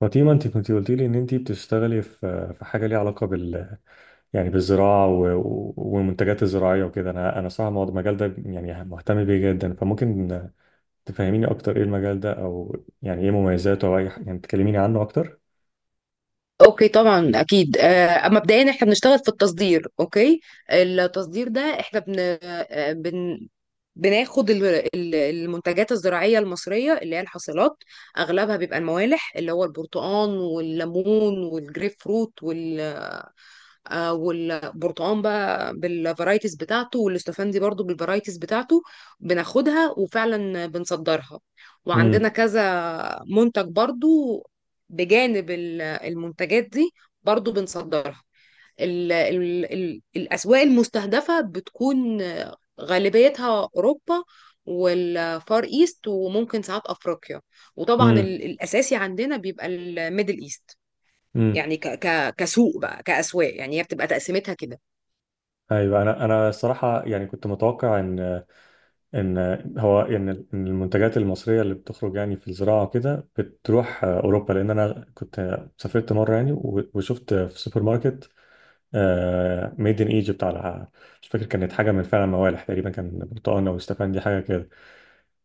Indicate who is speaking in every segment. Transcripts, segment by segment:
Speaker 1: فاطمة، انت كنت قلت لي ان انت بتشتغلي في حاجة ليها علاقة يعني بالزراعة والمنتجات الزراعية وكده. انا صراحة المجال ده يعني مهتم بيه جدا، فممكن تفهميني اكتر ايه المجال ده او يعني ايه مميزاته او يعني تكلميني عنه اكتر.
Speaker 2: اوكي طبعا اكيد اما مبدئيا احنا بنشتغل في التصدير. اوكي، التصدير ده احنا بناخد المنتجات الزراعيه المصريه اللي هي الحاصلات. اغلبها بيبقى الموالح اللي هو البرتقال والليمون والجريب فروت، والبرتقان بقى بالفرايتيز بتاعته والاستفندي برضو بالفرايتيز بتاعته، بناخدها وفعلا بنصدرها. وعندنا
Speaker 1: امم.
Speaker 2: كذا منتج برضو بجانب المنتجات دي برضو بنصدرها. ال الأسواق المستهدفة بتكون غالبيتها أوروبا والفار ايست وممكن ساعات افريقيا، وطبعا
Speaker 1: امم.
Speaker 2: الاساسي عندنا بيبقى الميدل ايست.
Speaker 1: امم.
Speaker 2: يعني ك ك كسوق بقى، كأسواق، يعني هي بتبقى تقسيمتها كده.
Speaker 1: ايوه، انا الصراحة يعني كنت متوقع ان إن المنتجات المصرية اللي بتخرج يعني في الزراعة وكده بتروح اوروبا، لان انا كنت سافرت مرة يعني وشفت في سوبر ماركت ميد ان ايجيبت على، مش فاكر، كانت حاجه من فعلا موالح، تقريبا كان برتقال او استفندي حاجه كده.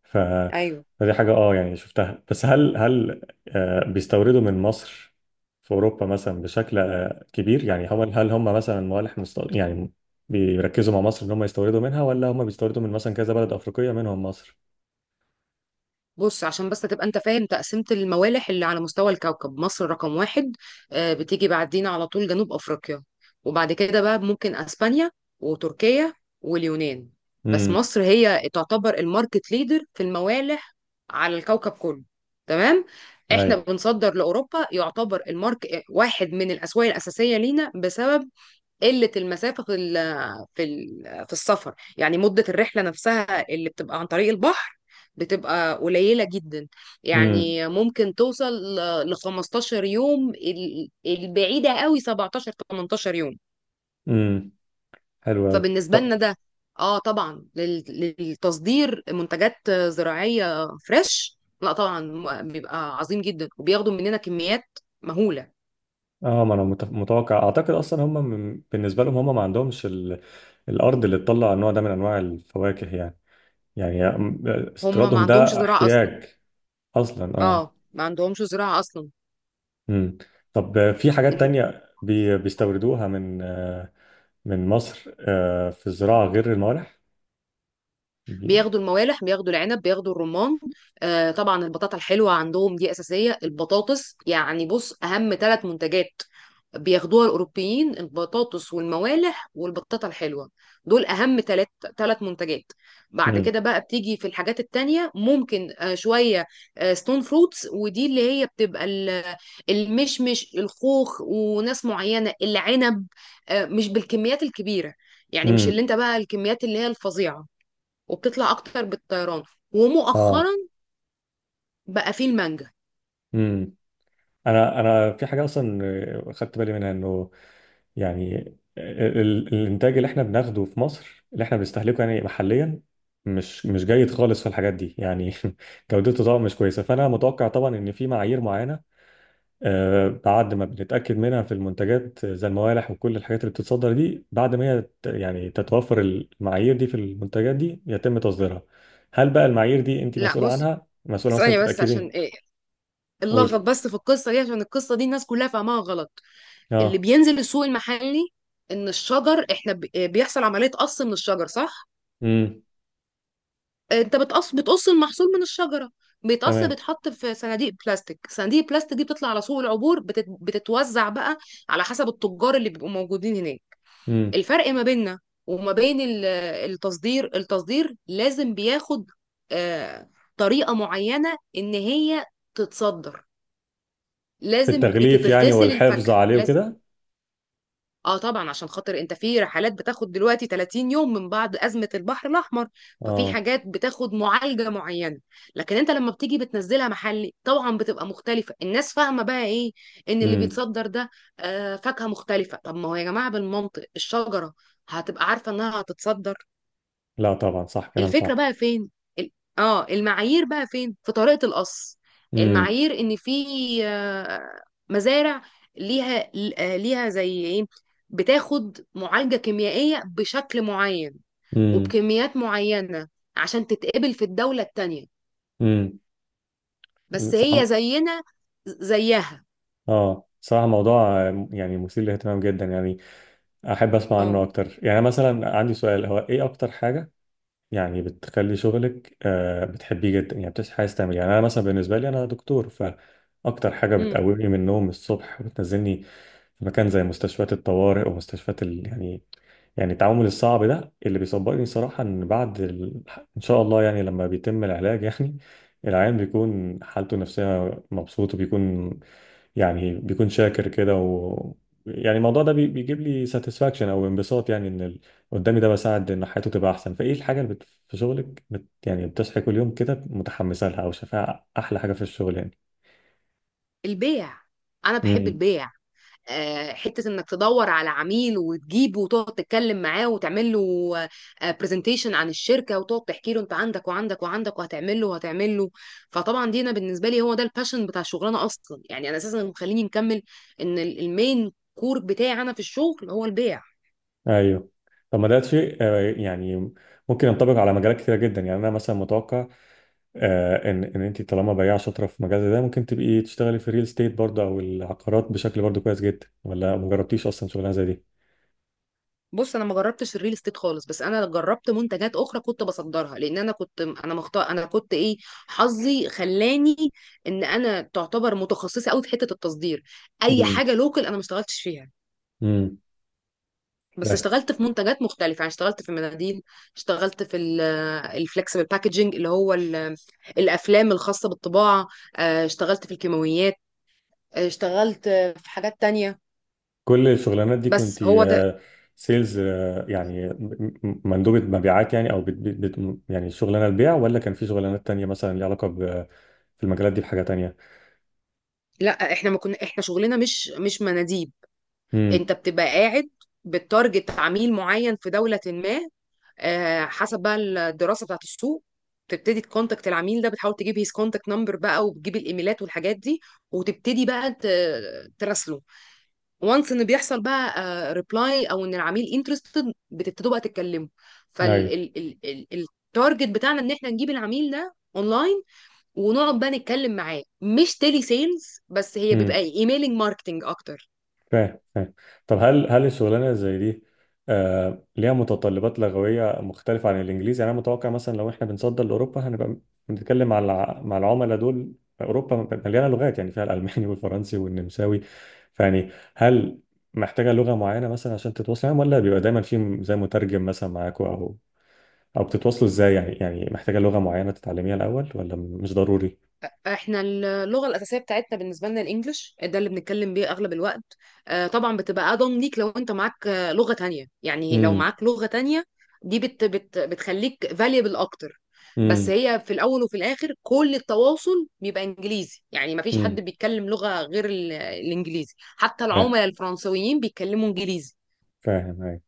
Speaker 1: ف،
Speaker 2: ايوه،
Speaker 1: فدي حاجه اه يعني شفتها. بس هل بيستوردوا من مصر في اوروبا مثلا بشكل كبير؟ يعني هل هم مثلا موالح يعني بيركزوا مع مصر ان هم يستوردوا منها، ولا هم بيستوردوا من مثلا كذا بلد افريقيه منهم مصر؟
Speaker 2: بص عشان بس تبقى انت فاهم، تقسيمة الموالح اللي على مستوى الكوكب مصر رقم واحد، بتيجي بعدين على طول جنوب أفريقيا، وبعد كده بقى ممكن أسبانيا وتركيا واليونان. بس
Speaker 1: امم.
Speaker 2: مصر هي تعتبر الماركت ليدر في الموالح على الكوكب كله. تمام. احنا
Speaker 1: ايوه.
Speaker 2: بنصدر لأوروبا، يعتبر المارك واحد من الأسواق الأساسية لينا بسبب قلة المسافة في ال في ال في السفر، يعني مدة الرحلة نفسها اللي بتبقى عن طريق البحر بتبقى قليلة جدا،
Speaker 1: امم.
Speaker 2: يعني ممكن توصل ل 15 يوم، البعيدة قوي 17 18 يوم.
Speaker 1: امم. حلو قوي.
Speaker 2: فبالنسبة لنا ده اه طبعا للتصدير منتجات زراعية فريش لا طبعا بيبقى عظيم جدا، وبياخدوا مننا كميات مهولة.
Speaker 1: اه، ما انا متوقع، اعتقد اصلا هم بالنسبه لهم هم ما عندهمش الارض اللي تطلع النوع ده من انواع الفواكه يعني. يعني
Speaker 2: هم ما
Speaker 1: استيرادهم
Speaker 2: عندهمش
Speaker 1: ده
Speaker 2: زراعة أصلا.
Speaker 1: احتياج اصلا،
Speaker 2: اه
Speaker 1: اه.
Speaker 2: ما عندهمش زراعة أصلا.
Speaker 1: امم. طب في حاجات تانية بيستوردوها من من مصر في الزراعه غير الموالح؟ بي...
Speaker 2: بياخدوا الموالح، بياخدوا العنب، بياخدوا الرمان، آه طبعا البطاطا الحلوه عندهم دي اساسيه، البطاطس. يعني بص، اهم ثلاث منتجات بياخدوها الاوروبيين البطاطس والموالح والبطاطا الحلوه، دول اهم ثلاث منتجات. بعد
Speaker 1: امم.
Speaker 2: كده بقى بتيجي في الحاجات التانية ممكن شويه ستون فروتس، ودي اللي هي بتبقى المشمش، الخوخ، وناس معينه العنب. مش بالكميات الكبيره، يعني مش اللي
Speaker 1: امم.
Speaker 2: انت بقى الكميات اللي هي الفظيعه، وبتطلع اكتر بالطيران.
Speaker 1: اه.
Speaker 2: ومؤخرا بقى فيه المانجا.
Speaker 1: امم. انا في حاجه اصلا خدت بالي منها، انه يعني الانتاج اللي احنا بناخده في مصر اللي احنا بنستهلكه يعني محليا مش جيد خالص في الحاجات دي يعني. جودته طبعا مش كويسه، فانا متوقع طبعا ان في معايير معينه بعد ما بنتاكد منها في المنتجات زي الموالح وكل الحاجات اللي بتتصدر دي، بعد ما هي يعني تتوفر المعايير دي في المنتجات دي يتم تصديرها. هل بقى المعايير دي انت
Speaker 2: لا
Speaker 1: مسؤوله
Speaker 2: بص،
Speaker 1: عنها، مسؤوله مثلا
Speaker 2: ثانية
Speaker 1: انت
Speaker 2: بس عشان
Speaker 1: تتاكدي؟
Speaker 2: ايه اللغط
Speaker 1: قولي.
Speaker 2: بس في القصة دي، عشان القصة دي الناس كلها فاهماها غلط. اللي
Speaker 1: اه.
Speaker 2: بينزل السوق المحلي، ان الشجر احنا بيحصل عملية قص من الشجر صح؟
Speaker 1: امم.
Speaker 2: انت بتقص المحصول من الشجرة، بيتقص،
Speaker 1: تمام.
Speaker 2: بيتحط في صناديق بلاستيك، صناديق البلاستيك دي بتطلع على سوق العبور، بتتوزع بقى على حسب التجار اللي بيبقوا موجودين هناك.
Speaker 1: امم.
Speaker 2: الفرق ما بيننا وما بين التصدير، التصدير لازم بياخد آه، طريقة معينة إن هي تتصدر،
Speaker 1: في
Speaker 2: لازم
Speaker 1: التغليف يعني
Speaker 2: بتتغسل
Speaker 1: والحفظ
Speaker 2: الفاكهة
Speaker 1: عليه
Speaker 2: لازم.
Speaker 1: وكده.
Speaker 2: اه طبعا عشان خاطر انت في رحلات بتاخد دلوقتي 30 يوم من بعد أزمة البحر الأحمر، ففي
Speaker 1: اه.
Speaker 2: حاجات بتاخد معالجة معينة. لكن انت لما بتيجي بتنزلها محلي طبعا بتبقى مختلفة. الناس فاهمة بقى ايه، ان اللي
Speaker 1: امم.
Speaker 2: بيتصدر ده آه فاكهة مختلفة. طب ما هو يا جماعة بالمنطق الشجرة هتبقى عارفة انها هتتصدر؟
Speaker 1: لا طبعا، صح، كلام
Speaker 2: الفكرة
Speaker 1: صح.
Speaker 2: بقى فين؟ ال- اه المعايير بقى فين في طريقة القص.
Speaker 1: امم.
Speaker 2: المعايير ان في آه، مزارع ليها ليها زي ايه، بتاخد معالجة كيميائية بشكل معين
Speaker 1: امم.
Speaker 2: وبكميات معينة عشان تتقبل في الدولة التانية.
Speaker 1: امم.
Speaker 2: بس
Speaker 1: صراحة،
Speaker 2: هي زينا زيها.
Speaker 1: اه، صراحة موضوع يعني مثير للاهتمام جدا يعني، احب اسمع
Speaker 2: اه.
Speaker 1: عنه اكتر. يعني مثلا عندي سؤال، هو ايه اكتر حاجة يعني بتخلي شغلك، آه، بتحبيه جدا؟ يعني بتصحي عايز تعمل إيه؟ يعني انا مثلا بالنسبة لي انا دكتور، فاكتر حاجة
Speaker 2: امم.
Speaker 1: بتقومني من النوم الصبح وبتنزلني في مكان زي مستشفيات الطوارئ ومستشفيات يعني، يعني التعامل الصعب ده اللي بيصبرني صراحة، ان بعد ان شاء الله يعني لما بيتم العلاج يعني العيان بيكون حالته النفسية مبسوط، وبيكون يعني بيكون شاكر كده، و يعني الموضوع ده بيجيب لي ساتسفاكشن او انبساط، يعني ان ال- قدامي ده بساعد ان حياته تبقى احسن. فايه الحاجة اللي في شغلك يعني بتصحي كل يوم كده متحمسة لها او شايفاها احلى حاجة في الشغل؟
Speaker 2: البيع. انا بحب
Speaker 1: يعني.
Speaker 2: البيع. حته انك تدور على عميل وتجيبه وتقعد تتكلم معاه وتعمل له برزنتيشن عن الشركه وتقعد تحكي له انت عندك وعندك وعندك وهتعمل له وهتعمل له. فطبعا دي انا بالنسبه لي هو ده الباشن بتاع الشغلانه اصلا، يعني انا اساسا اللي مخليني مكمل ان المين كور بتاعي انا في الشغل هو البيع.
Speaker 1: ايوه. طب ما ده شيء يعني ممكن ينطبق على مجالات كتيره جدا. يعني انا مثلا متوقع ان ان انت طالما بياع شاطره في مجال زي ده، ممكن تبقي تشتغلي في الريل ستيت برضه او العقارات بشكل برضه كويس جدا. ولا ما جربتيش اصلا شغلانه زي دي؟
Speaker 2: بص انا ما جربتش الريل استيت خالص، بس انا جربت منتجات اخرى كنت بصدرها. لان انا كنت، انا مختار، انا كنت ايه، حظي خلاني ان انا تعتبر متخصصه قوي في حته التصدير. اي
Speaker 1: امم.
Speaker 2: حاجه لوكال انا ما اشتغلتش فيها،
Speaker 1: امم.
Speaker 2: بس اشتغلت في منتجات مختلفه. يعني اشتغلت في المناديل، اشتغلت في الفلكسبل باكجينج اللي هو الافلام الخاصه بالطباعه، اه اشتغلت في الكيماويات، اه اشتغلت في حاجات تانية.
Speaker 1: كل الشغلانات دي كنت
Speaker 2: بس هو ده.
Speaker 1: سيلز؟ يعني مندوبه مبيعات يعني، او يعني شغلانه البيع، ولا كان في شغلانات تانية مثلا ليها علاقه ب- في المجالات دي بحاجه تانية؟
Speaker 2: لا احنا ما كنا احنا شغلنا مش مناديل.
Speaker 1: امم.
Speaker 2: انت بتبقى قاعد بتارجت عميل معين في دولة ما، حسب بقى الدراسة بتاعت السوق، تبتدي تكونتاكت العميل ده، بتحاول تجيب هيز كونتاكت نمبر بقى وبتجيب الايميلات والحاجات دي، وتبتدي بقى تراسله، وانس ان بيحصل بقى ريبلاي او ان العميل انترستد بتبتدوا بقى تتكلموا.
Speaker 1: ايوه.
Speaker 2: فالتارجت بتاعنا ان احنا نجيب العميل ده اونلاين ونقعد بقى نتكلم معاه. مش تيلي سيلز، بس هي بيبقى
Speaker 1: امم.
Speaker 2: ايميلنج ماركتنج اكتر.
Speaker 1: فاهم فاهم. طب هل الشغلانه زي دي، آه، ليها متطلبات لغويه مختلفه عن الانجليزي؟ يعني انا متوقع مثلا لو احنا بنصدر لاوروبا هنبقى بنتكلم مع مع العملاء دول. اوروبا مليانه لغات يعني، فيها الالماني والفرنسي والنمساوي، فيعني هل محتاجه لغه معينه مثلا عشان تتواصل معاهم، ولا بيبقى دايما في زي مترجم مثلا معاكوا، او او بتتواصلوا ازاي يعني؟ يعني محتاجه لغه معينه تتعلميها الاول، ولا مش ضروري؟
Speaker 2: احنا اللغه الاساسيه بتاعتنا بالنسبه لنا الانجليش ده اللي بنتكلم بيه اغلب الوقت. طبعا بتبقى اضمن ليك لو انت معاك لغه تانية، يعني لو
Speaker 1: امم.
Speaker 2: معاك لغه تانية دي بت بت بتخليك valuable اكتر. بس
Speaker 1: امم.
Speaker 2: هي في الاول وفي الاخر كل التواصل بيبقى انجليزي، يعني ما فيش حد
Speaker 1: امم.
Speaker 2: بيتكلم لغه غير الانجليزي، حتى
Speaker 1: فاهم
Speaker 2: العملاء الفرنسويين بيتكلموا انجليزي.
Speaker 1: فاهم أيوة.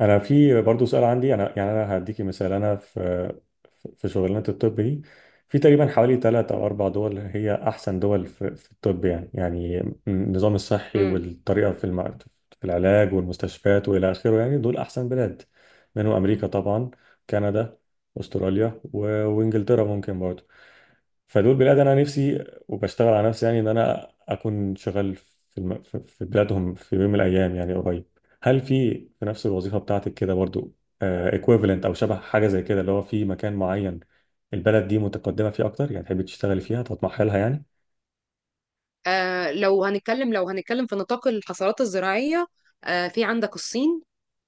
Speaker 1: انا في برضو سؤال عندي. انا يعني انا هديكي مثال. انا في في شغلانه الطب دي، في تقريبا حوالي ثلاث او اربع دول هي احسن دول في، في الطب، يعني يعني النظام الصحي
Speaker 2: امم.
Speaker 1: والطريقه في في العلاج والمستشفيات والى اخره. يعني دول احسن بلاد، منهم امريكا طبعا، كندا، استراليا وانجلترا ممكن برضو. فدول بلاد انا نفسي وبشتغل على نفسي يعني ان انا اكون شغال في في بلادهم في يوم من الايام يعني قريب. هل في في نفس الوظيفه بتاعتك كده برضو ايكويفالنت او شبه حاجه زي كده، اللي هو في مكان معين البلد دي متقدمه فيه اكتر، يعني تحبي تشتغلي فيها تطمحي لها يعني؟
Speaker 2: لو هنتكلم، لو هنتكلم في نطاق الحصارات الزراعيه، آه في عندك الصين،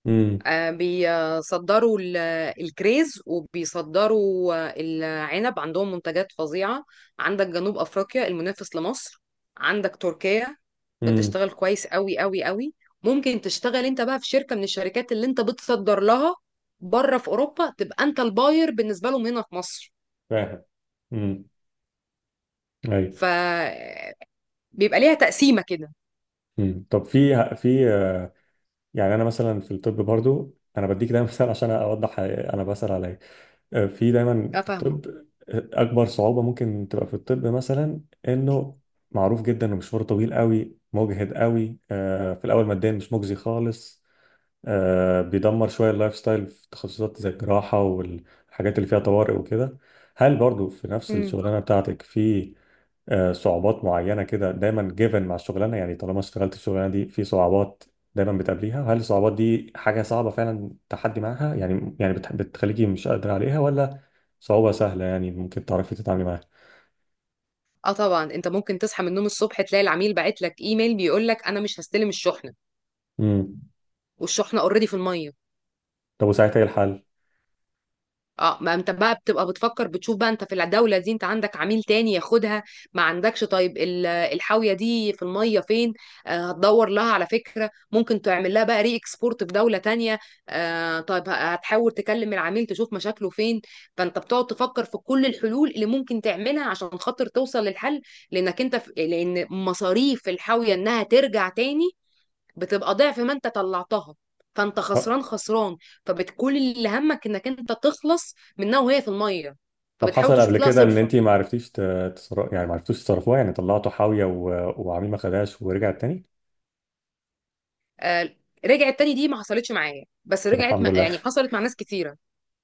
Speaker 1: امم.
Speaker 2: بيصدروا الكريز وبيصدروا العنب، عندهم منتجات فظيعة. عندك جنوب أفريقيا المنافس لمصر، عندك تركيا
Speaker 1: امم.
Speaker 2: بتشتغل كويس قوي قوي قوي. ممكن تشتغل انت بقى في شركة من الشركات اللي انت بتصدر لها بره في أوروبا، تبقى انت الباير بالنسبة لهم هنا في مصر.
Speaker 1: فاهم. امم. ايوه.
Speaker 2: فبيبقى ليها تقسيمة كده.
Speaker 1: امم. طب في في يعني، انا مثلا في الطب برضو، انا بديك ده مثال عشان اوضح انا بسال على إيه. في دايما
Speaker 2: اه
Speaker 1: في
Speaker 2: فاهمة.
Speaker 1: الطب اكبر صعوبه ممكن تبقى في الطب مثلا، انه معروف جدا انه مشوار طويل قوي، مجهد قوي، في الاول ماديا مش مجزي خالص، بيدمر شويه اللايف ستايل في تخصصات زي الجراحه والحاجات اللي فيها طوارئ وكده. هل برضو في نفس
Speaker 2: مم.
Speaker 1: الشغلانه بتاعتك في صعوبات معينة كده دايما جيفن مع الشغلانة؟ يعني طالما اشتغلت الشغلانة دي، في صعوبات دايما بتقابليها. هل الصعوبات دي حاجة صعبة فعلا تحدي معاها، يعني يعني بتخليكي مش قادرة عليها، ولا صعوبة سهلة يعني ممكن تعرفي تتعاملي معاها؟
Speaker 2: اه طبعا، انت ممكن تصحى من النوم الصبح تلاقي العميل باعت لك ايميل بيقول لك انا مش هستلم الشحنة،
Speaker 1: امم.
Speaker 2: والشحنة اوريدي في المية.
Speaker 1: طب وساعتها ايه الحل؟
Speaker 2: اه ما انت بقى بتبقى بتفكر، بتشوف بقى انت في الدولة دي انت عندك عميل تاني ياخدها، ما عندكش، طيب الحاوية دي في المية فين، آه هتدور لها على فكرة ممكن تعمل لها بقى ري اكسبورت في دولة تانية، آه طيب هتحاول تكلم العميل تشوف مشاكله فين. فانت بتقعد تفكر في كل الحلول اللي ممكن تعملها عشان خاطر توصل للحل. لانك انت في... لان مصاريف الحاوية انها ترجع تاني بتبقى ضعف ما انت طلعتها، فانت
Speaker 1: أه.
Speaker 2: خسران فبتكون اللي همك انك انت تخلص منها وهي في الميه،
Speaker 1: طب
Speaker 2: فبتحاول
Speaker 1: حصل قبل
Speaker 2: تشوف لها
Speaker 1: كده ان
Speaker 2: صرفه.
Speaker 1: انت ما عرفتيش يعني ما عرفتوش تصرفوها، يعني طلعتوا حاوية وعميل ما خدهاش ورجعت تاني؟
Speaker 2: آه، رجعت تاني دي ما حصلتش معايا بس
Speaker 1: طب
Speaker 2: رجعت
Speaker 1: الحمد لله.
Speaker 2: يعني حصلت مع ناس كتيره.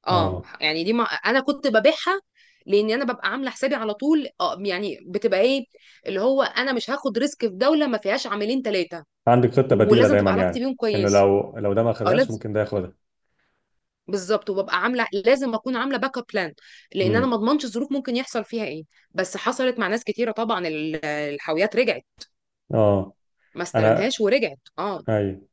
Speaker 2: اه
Speaker 1: اه.
Speaker 2: يعني دي ما انا كنت ببيعها، لاني انا ببقى عامله حسابي على طول، آه يعني بتبقى ايه اللي هو انا مش هاخد ريسك في دوله ما فيهاش عاملين ثلاثه،
Speaker 1: عندك خطة بديلة
Speaker 2: ولازم
Speaker 1: دايما
Speaker 2: تبقى علاقتي
Speaker 1: يعني،
Speaker 2: بيهم
Speaker 1: ان
Speaker 2: كويسه.
Speaker 1: لو ده ما
Speaker 2: او
Speaker 1: خدهاش
Speaker 2: لازم،
Speaker 1: ممكن ده ياخدها.
Speaker 2: بالظبط، وببقى عامله، لازم اكون عامله باك اب بلان، لان انا
Speaker 1: امم.
Speaker 2: ما اضمنش الظروف ممكن يحصل فيها ايه. بس حصلت مع ناس كتيره طبعا الحاويات رجعت،
Speaker 1: اه.
Speaker 2: ما
Speaker 1: انا.
Speaker 2: استلمهاش ورجعت اه.
Speaker 1: ايوه.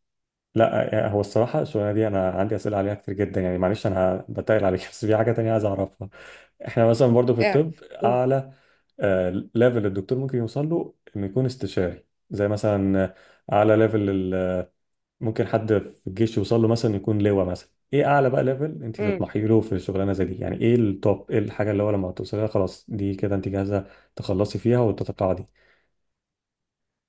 Speaker 1: لا، هو الصراحه الشغلانه دي انا عندي اسئله عليها كتير جدا، يعني معلش انا بتقل عليك بس في حاجه تانية عايز اعرفها. احنا مثلا برضو في الطب،
Speaker 2: اعرف. قول.
Speaker 1: اعلى ليفل الدكتور ممكن يوصل له انه يكون استشاري زي مثلا، اعلى ليفل ممكن حد في الجيش يوصل له مثلا يكون لواء مثلا. ايه اعلى بقى ليفل انت
Speaker 2: مم.
Speaker 1: تطمحي له في الشغلانه زي دي؟ يعني ايه التوب، ايه الحاجه اللي هو لما توصلي لها خلاص دي كده انت جاهزه تخلصي فيها وتتقاعدي؟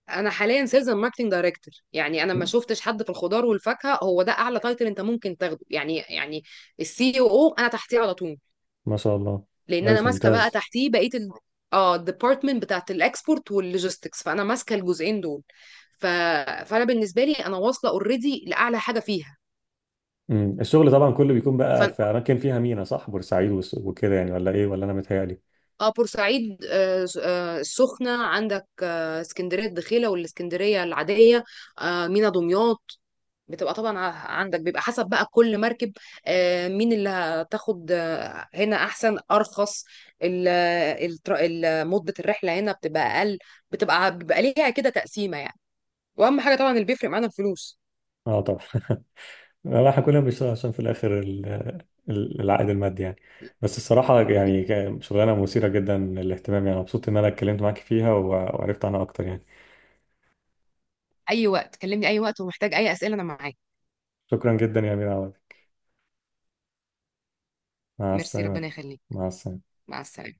Speaker 2: انا حاليا سيلز اند ماركتنج دايركتور. يعني انا ما شفتش حد في الخضار والفاكهه، هو ده اعلى تايتل انت ممكن تاخده يعني. يعني السي او انا تحتيه على طول.
Speaker 1: ما شاء الله.
Speaker 2: لان انا
Speaker 1: كويس،
Speaker 2: ماسكه بقى
Speaker 1: ممتاز.
Speaker 2: تحتيه بقيه اه الديبارتمنت بتاعت الاكسبورت واللوجيستكس، فانا ماسكه الجزئين دول. ف... فانا بالنسبه لي انا واصله اوريدي لاعلى حاجه فيها.
Speaker 1: مم. الشغل طبعا كله بيكون بقى
Speaker 2: فن...
Speaker 1: في اماكن فيها مينا، صح؟ بورسعيد وكده يعني، ولا ايه، ولا انا متهيألي؟
Speaker 2: اه بورسعيد، آه السخنة عندك، آه اسكندرية الدخيلة والاسكندرية العادية، آه مينا دمياط. بتبقى طبعا عندك بيبقى حسب بقى كل مركب آه مين اللي هتاخد، آه هنا احسن، ارخص، ال- مدة الرحلة هنا بتبقى اقل، بتبقى ليها كده تقسيمة يعني. واهم حاجة طبعا اللي بيفرق معانا الفلوس.
Speaker 1: اه طبعا. لا، احنا كلنا بنشتغل عشان في الاخر العائد المادي يعني. بس الصراحه يعني كان شغلانه مثيره جدا للاهتمام، يعني مبسوط ان انا اتكلمت معاك فيها وعرفت عنها اكتر يعني.
Speaker 2: اي وقت كلمني اي وقت، ومحتاج اي اسئلة انا معاك.
Speaker 1: شكرا جدا يا امير عوض. مع
Speaker 2: ميرسي،
Speaker 1: السلامه.
Speaker 2: ربنا يخليك.
Speaker 1: مع السلامه.
Speaker 2: مع السلامة.